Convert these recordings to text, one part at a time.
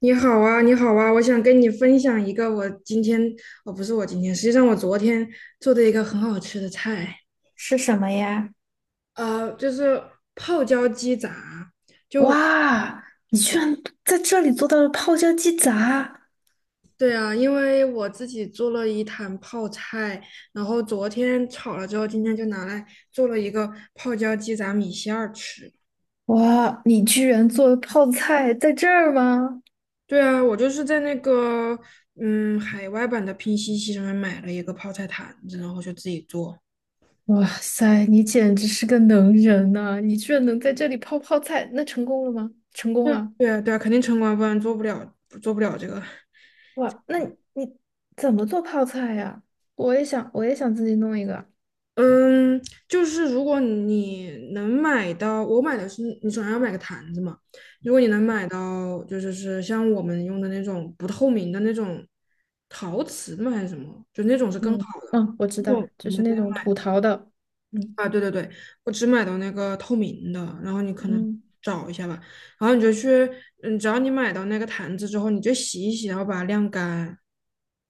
你好啊，你好啊，我想跟你分享一个我今天，哦，不是我今天，实际上我昨天做的一个很好吃的菜，是什么呀？就是泡椒鸡杂。就，哇，你居然在这里做到了泡椒鸡杂！对啊，因为我自己做了一坛泡菜，然后昨天炒了之后，今天就拿来做了一个泡椒鸡杂米线儿吃。哇，你居然做了泡菜在这儿吗？对啊，我就是在那个海外版的拼夕夕上面买了一个泡菜坛子，然后就自己做。哇塞，你简直是个能人呐、你居然能在这里泡泡菜，那成功了吗？成功对了！对啊，对啊，肯定城管，不然做不了这个。哇，那你怎么做泡菜呀？我也想，我也想自己弄一个。嗯，就是如果你能买到，我买的是你总要买个坛子嘛。如果你能买到，就是像我们用的那种不透明的那种陶瓷的吗？还是什么？就那种是更好嗯的。嗯，我知道，我我就是们那那种土陶的。嗯啊，对对对，我只买到那个透明的，然后你可能嗯找一下吧。然后你就去，只要你买到那个坛子之后，你就洗一洗，然后把它晾干。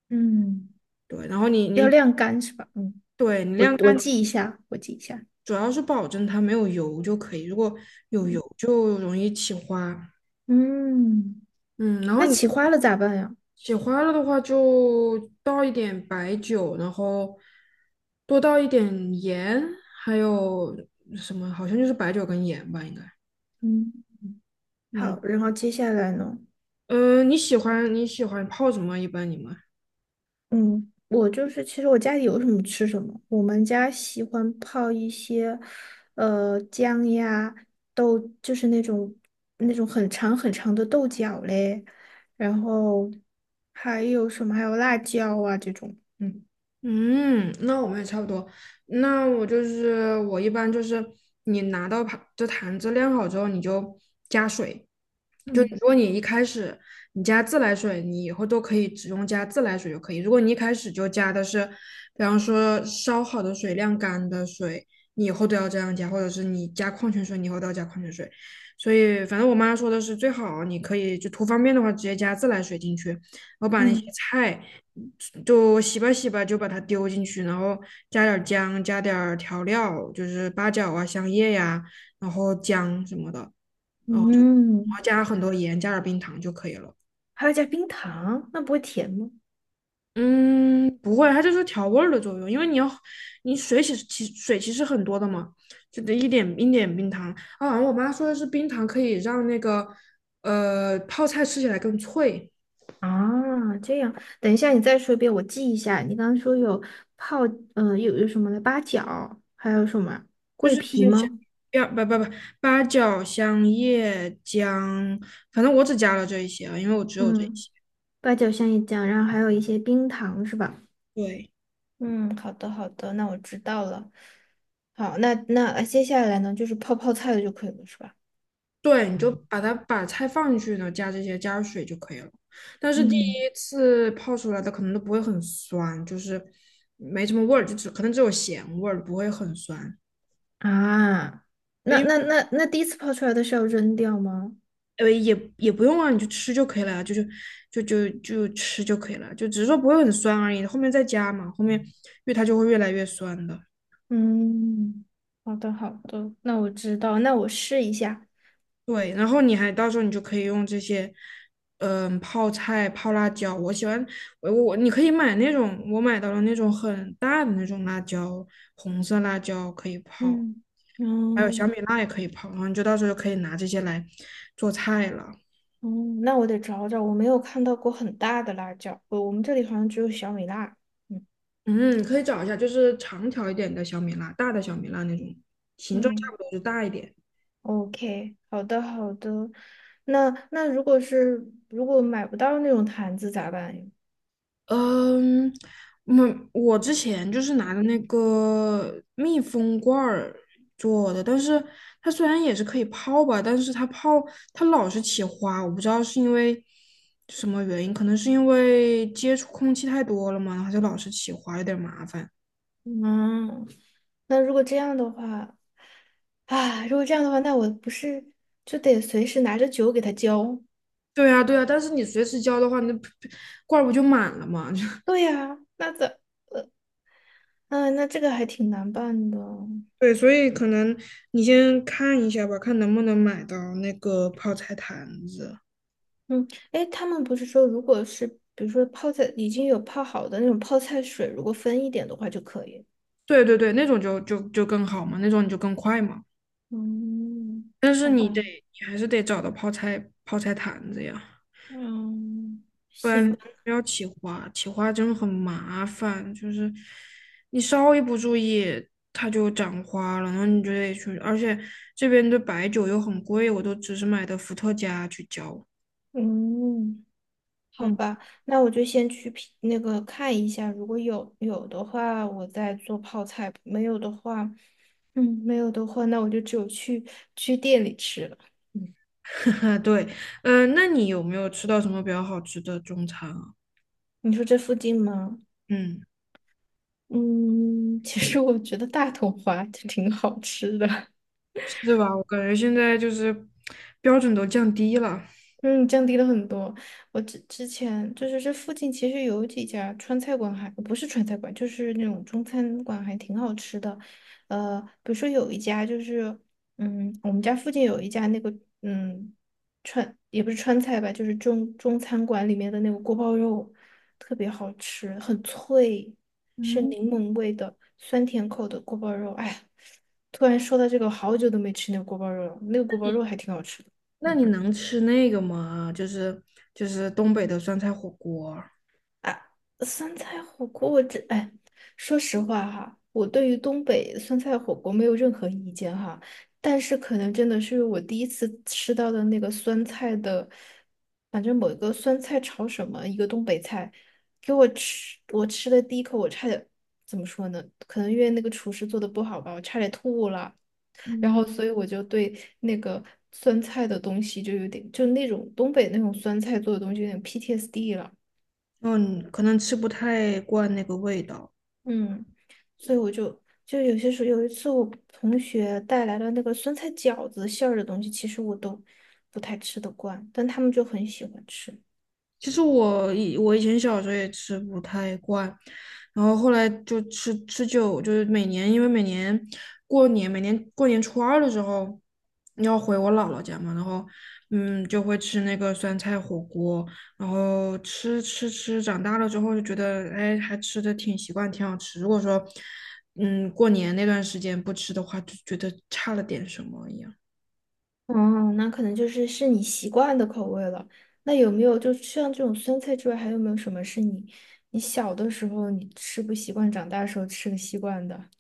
嗯，对，然后你要你晾干是吧？嗯，对，你我晾我干。记一下，我记一下。主要是保证它没有油就可以，如果有油就容易起花。嗯。嗯，然后那你起花了咋办呀？起花了的话，就倒一点白酒，然后多倒一点盐，还有什么？好像就是白酒跟盐吧，应该。嗯，嗯，好，然后接下来呢？你喜欢泡什么？一般你们？嗯，我就是其实我家里有什么吃什么，我们家喜欢泡一些，姜呀、豆，就是那种很长很长的豆角嘞，然后还有什么？还有辣椒啊这种，嗯嗯，那我们也差不多。那我就是我一般就是你拿到盘这坛子晾好之后，你就加水，就如嗯果你一开始你加自来水，你以后都可以只用加自来水就可以。如果你一开始就加的是，比方说烧好的水、晾干的水，你以后都要这样加，或者是你加矿泉水，你以后都要加矿泉水。所以反正我妈说的是，最好你可以就图方便的话，直接加自来水进去，然后把那些嗯，菜就洗吧洗吧，就把它丢进去，然后加点姜，加点调料，就是八角啊、香叶呀、然后姜什么的。然后就然嗯，后加很多盐，加点冰糖就可以了。还要加冰糖，那不会甜吗？嗯，不会，它就是调味儿的作用，因为你水其实其实很多的嘛，就得一点一点冰糖啊。然后我妈说的是冰糖可以让那个泡菜吃起来更脆，啊，这样，等一下你再说一遍，我记一下。你刚刚说有泡，有什么的八角，还有什么就桂是一皮些香吗？料不不不八角、香叶、姜，反正我只加了这一些啊，因为我只有这一嗯，些。八角香叶酱，然后还有一些冰糖是吧？对，嗯，好的好的，那我知道了。好，那接下来呢，就是泡泡菜的就可以了，是吧？对，你就把菜放进去，呢，加这些加水就可以了。但是第嗯，一次泡出来的可能都不会很酸，就是没什么味儿，就只可能只有咸味儿，不会很酸。啊，因那那为那那第一次泡出来的是要扔掉吗？也不用啊，你就吃就可以了呀，就是就就就吃就可以了，就只是说不会很酸而已。后面再加嘛，后面因为它就会越来越酸的。嗯，好的好的，那我知道，那我试一下。对，然后到时候你就可以用这些，嗯，泡菜、泡辣椒。我喜欢我我你可以买那种，我买到了那种很大的那种辣椒，红色辣椒可以泡，嗯。还有哦，小米辣也可以泡。然后你就到时候就可以拿这些来做菜了。哦，那我得找找，我没有看到过很大的辣椒，我们这里好像只有小米辣。嗯嗯，可以找一下，就是长条一点的小米辣，大的小米辣那种，形状差嗯不多就大一点。，OK，好的好的。那那如果是如果买不到那种坛子咋办呀？嗯，我之前就是拿的那个密封罐儿做的，但是它虽然也是可以泡吧，但是它老是起花，我不知道是因为什么原因，可能是因为接触空气太多了嘛，然后就老是起花，有点麻烦。嗯，那如果这样的话，啊，如果这样的话，那我不是就得随时拿着酒给他浇？对啊，对啊，但是你随时浇的话，那罐儿不就满了嘛？对呀，那咋？嗯，那这个还挺难办的。对，所以可能你先看一下吧，看能不能买到那个泡菜坛子。嗯，哎，他们不是说，如果是比如说泡菜已经有泡好的那种泡菜水，如果分一点的话就可以。对对对，那种就更好嘛，那种你就更快嘛。嗯，但是好吧，你还是得找到泡菜坛子呀，嗯不然不要起花，起花真的很麻烦。就是你稍微不注意，它就长花了，然后你就得去。而且这边的白酒又很贵，我都只是买的伏特加去浇。嗯，好嗯，吧，那我就先去品那个看一下，如果有的话，我再做泡菜；没有的话，嗯，没有的话，那我就只有去店里吃了。嗯，对，那你有没有吃到什么比较好吃的中餐啊？你说这附近吗？嗯，嗯，其实我觉得大同华就挺好吃的。是吧？我感觉现在就是标准都降低了。嗯，降低了很多。我之前就是这附近其实有几家川菜馆还不是川菜馆，就是那种中餐馆还挺好吃的。比如说有一家就是，嗯，我们家附近有一家那个，嗯，川也不是川菜吧，就是中餐馆里面的那个锅包肉，特别好吃，很脆，是嗯。柠檬味的酸甜口的锅包肉。哎呀突然说到这个，我好久都没吃那个锅包肉了，那个锅包肉还挺好吃的。那嗯。你能吃那个吗？就是东北的酸菜火锅。啊，酸菜火锅，我这哎，说实话哈，我对于东北酸菜火锅没有任何意见哈，但是可能真的是我第一次吃到的那个酸菜的，反正某一个酸菜炒什么，一个东北菜，给我吃，我吃的第一口，我差点怎么说呢？可能因为那个厨师做的不好吧，我差点吐了。然嗯，后所以我就对那个酸菜的东西就有点，就那种东北那种酸菜做的东西有点 PTSD 了。嗯，可能吃不太惯那个味道。嗯，所以我就有些时候，有一次我同学带来了那个酸菜饺子馅儿的东西，其实我都不太吃得惯，但他们就很喜欢吃。其实我以前小时候也吃不太惯，然后后来就吃吃久，就是每年因为每年过年，每年过年初二的时候要回我姥姥家嘛，然后就会吃那个酸菜火锅，然后吃吃吃，长大了之后就觉得哎还吃的挺习惯，挺好吃。如果说过年那段时间不吃的话，就觉得差了点什么一样。哦，那可能就是你习惯的口味了。那有没有就像这种酸菜之外，还有没有什么是你小的时候你吃不习惯，长大的时候吃的习惯的？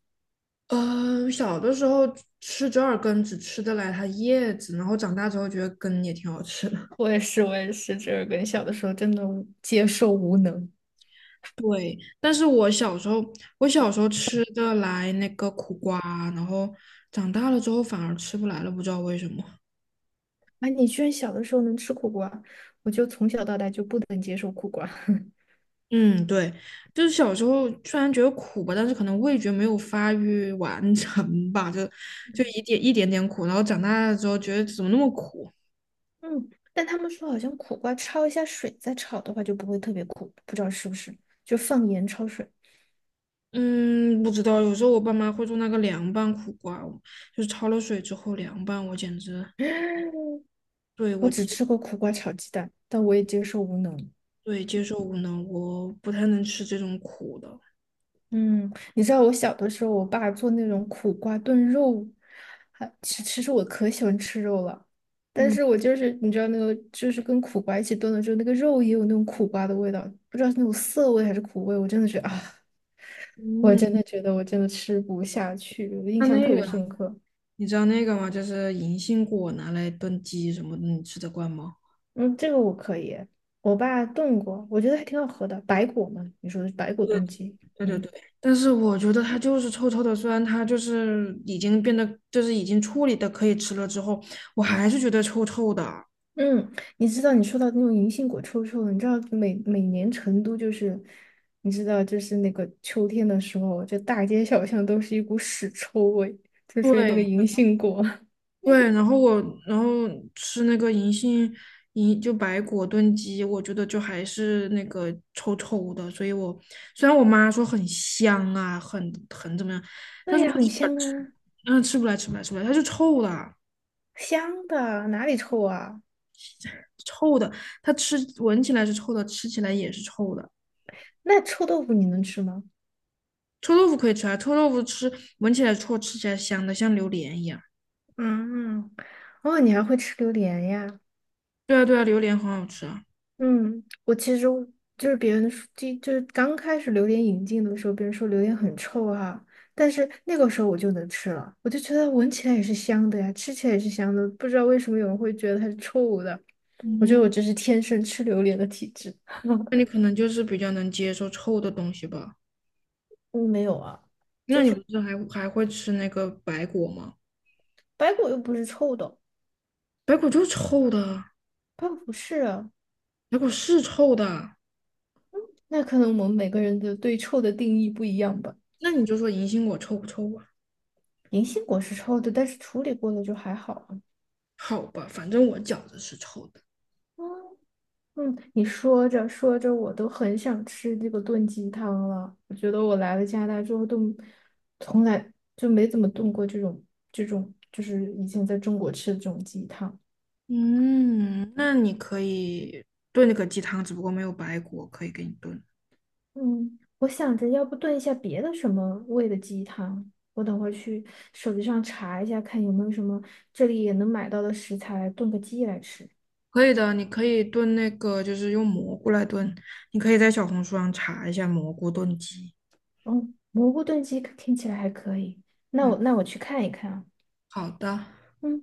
嗯，小的时候吃折耳根只吃得来它叶子，然后长大之后觉得根也挺好吃的。我也是，我也是，这跟小的时候真的无接受无能。但是我小时候吃得来那个苦瓜，然后长大了之后反而吃不来了，不知道为什么。哎，你居然小的时候能吃苦瓜，我就从小到大就不能接受苦瓜。嗯，对，就是小时候虽然觉得苦吧，但是可能味觉没有发育完成吧，就一点一点点苦，然后长大了之后觉得怎么那么苦。嗯，但他们说好像苦瓜焯一下水再炒的话就不会特别苦，不知道是不是？就放盐焯水。嗯，不知道，有时候我爸妈会做那个凉拌苦瓜，就是焯了水之后凉拌，我简直。对，我只吃过苦瓜炒鸡蛋，但我也接受无能。对接受无能，我不太能吃这种苦的。嗯，你知道我小的时候，我爸做那种苦瓜炖肉，还其实我可喜欢吃肉了，但嗯是我就是你知道那个就是跟苦瓜一起炖了之后，那个肉也有那种苦瓜的味道，不知道是那种涩味还是苦味，我真的觉得啊，我嗯，真的觉得我真的吃不下去，我印象那特别个深刻。你知道那个吗？就是银杏果拿来炖鸡什么的，你吃得惯吗？嗯，这个我可以，我爸炖过，我觉得还挺好喝的，白果嘛，你说的是白果炖鸡，对对嗯对，但是我觉得它就是臭臭的，虽然它就是已经变得就是已经处理的可以吃了之后，我还是觉得臭臭的。嗯，你知道你说到那种银杏果臭臭的，你知道每年成都就是，你知道就是那个秋天的时候，这大街小巷都是一股屎臭味，就是那个对银杏果。对，然后然后吃那个银杏银就白果炖鸡，我觉得就还是那个臭臭的，所以虽然我妈说很香啊，很怎么样，对呀，很香啊，嗯，吃不来吃不来吃不来，它是臭的，香的，哪里臭啊？臭的，它闻起来是臭的，吃起来也是臭的。那臭豆腐你能吃吗？臭豆腐可以吃啊，臭豆腐闻起来臭，吃起来香的，像榴莲一样。嗯，哦，你还会吃榴莲呀？对啊对啊，榴莲很好吃啊。嗯，我其实就是别人说，就是刚开始榴莲引进的时候，别人说榴莲很臭啊，但是那个时候我就能吃了，我就觉得闻起来也是香的呀，吃起来也是香的，不知道为什么有人会觉得它是臭的。我觉得嗯，我这是天生吃榴莲的体质。那你可能就是比较能接受臭的东西吧？我没有啊，那你不是还会吃那个白果吗？白果又不是臭的，白果就是臭的，白果不是啊，白果是臭的。那可能我们每个人的对臭的定义不一样吧。那你就说银杏果臭不臭吧？银杏果是臭的，但是处理过了就还好啊。好吧，反正我觉子是臭的。嗯，你说着说着，我都很想吃这个炖鸡汤了。我觉得我来了加拿大之后，都从来就没怎么炖过这种，就是以前在中国吃的这种鸡汤。嗯，那你可以炖那个鸡汤，只不过没有白果可以给你炖。嗯，我想着要不炖一下别的什么味的鸡汤。我等会儿去手机上查一下，看有没有什么这里也能买到的食材来炖个鸡来吃。可以的，你可以炖那个，就是用蘑菇来炖。你可以在小红书上查一下蘑菇炖鸡。嗯，蘑菇炖鸡听起来还可以。那嗯，我去看一看啊。好的。嗯。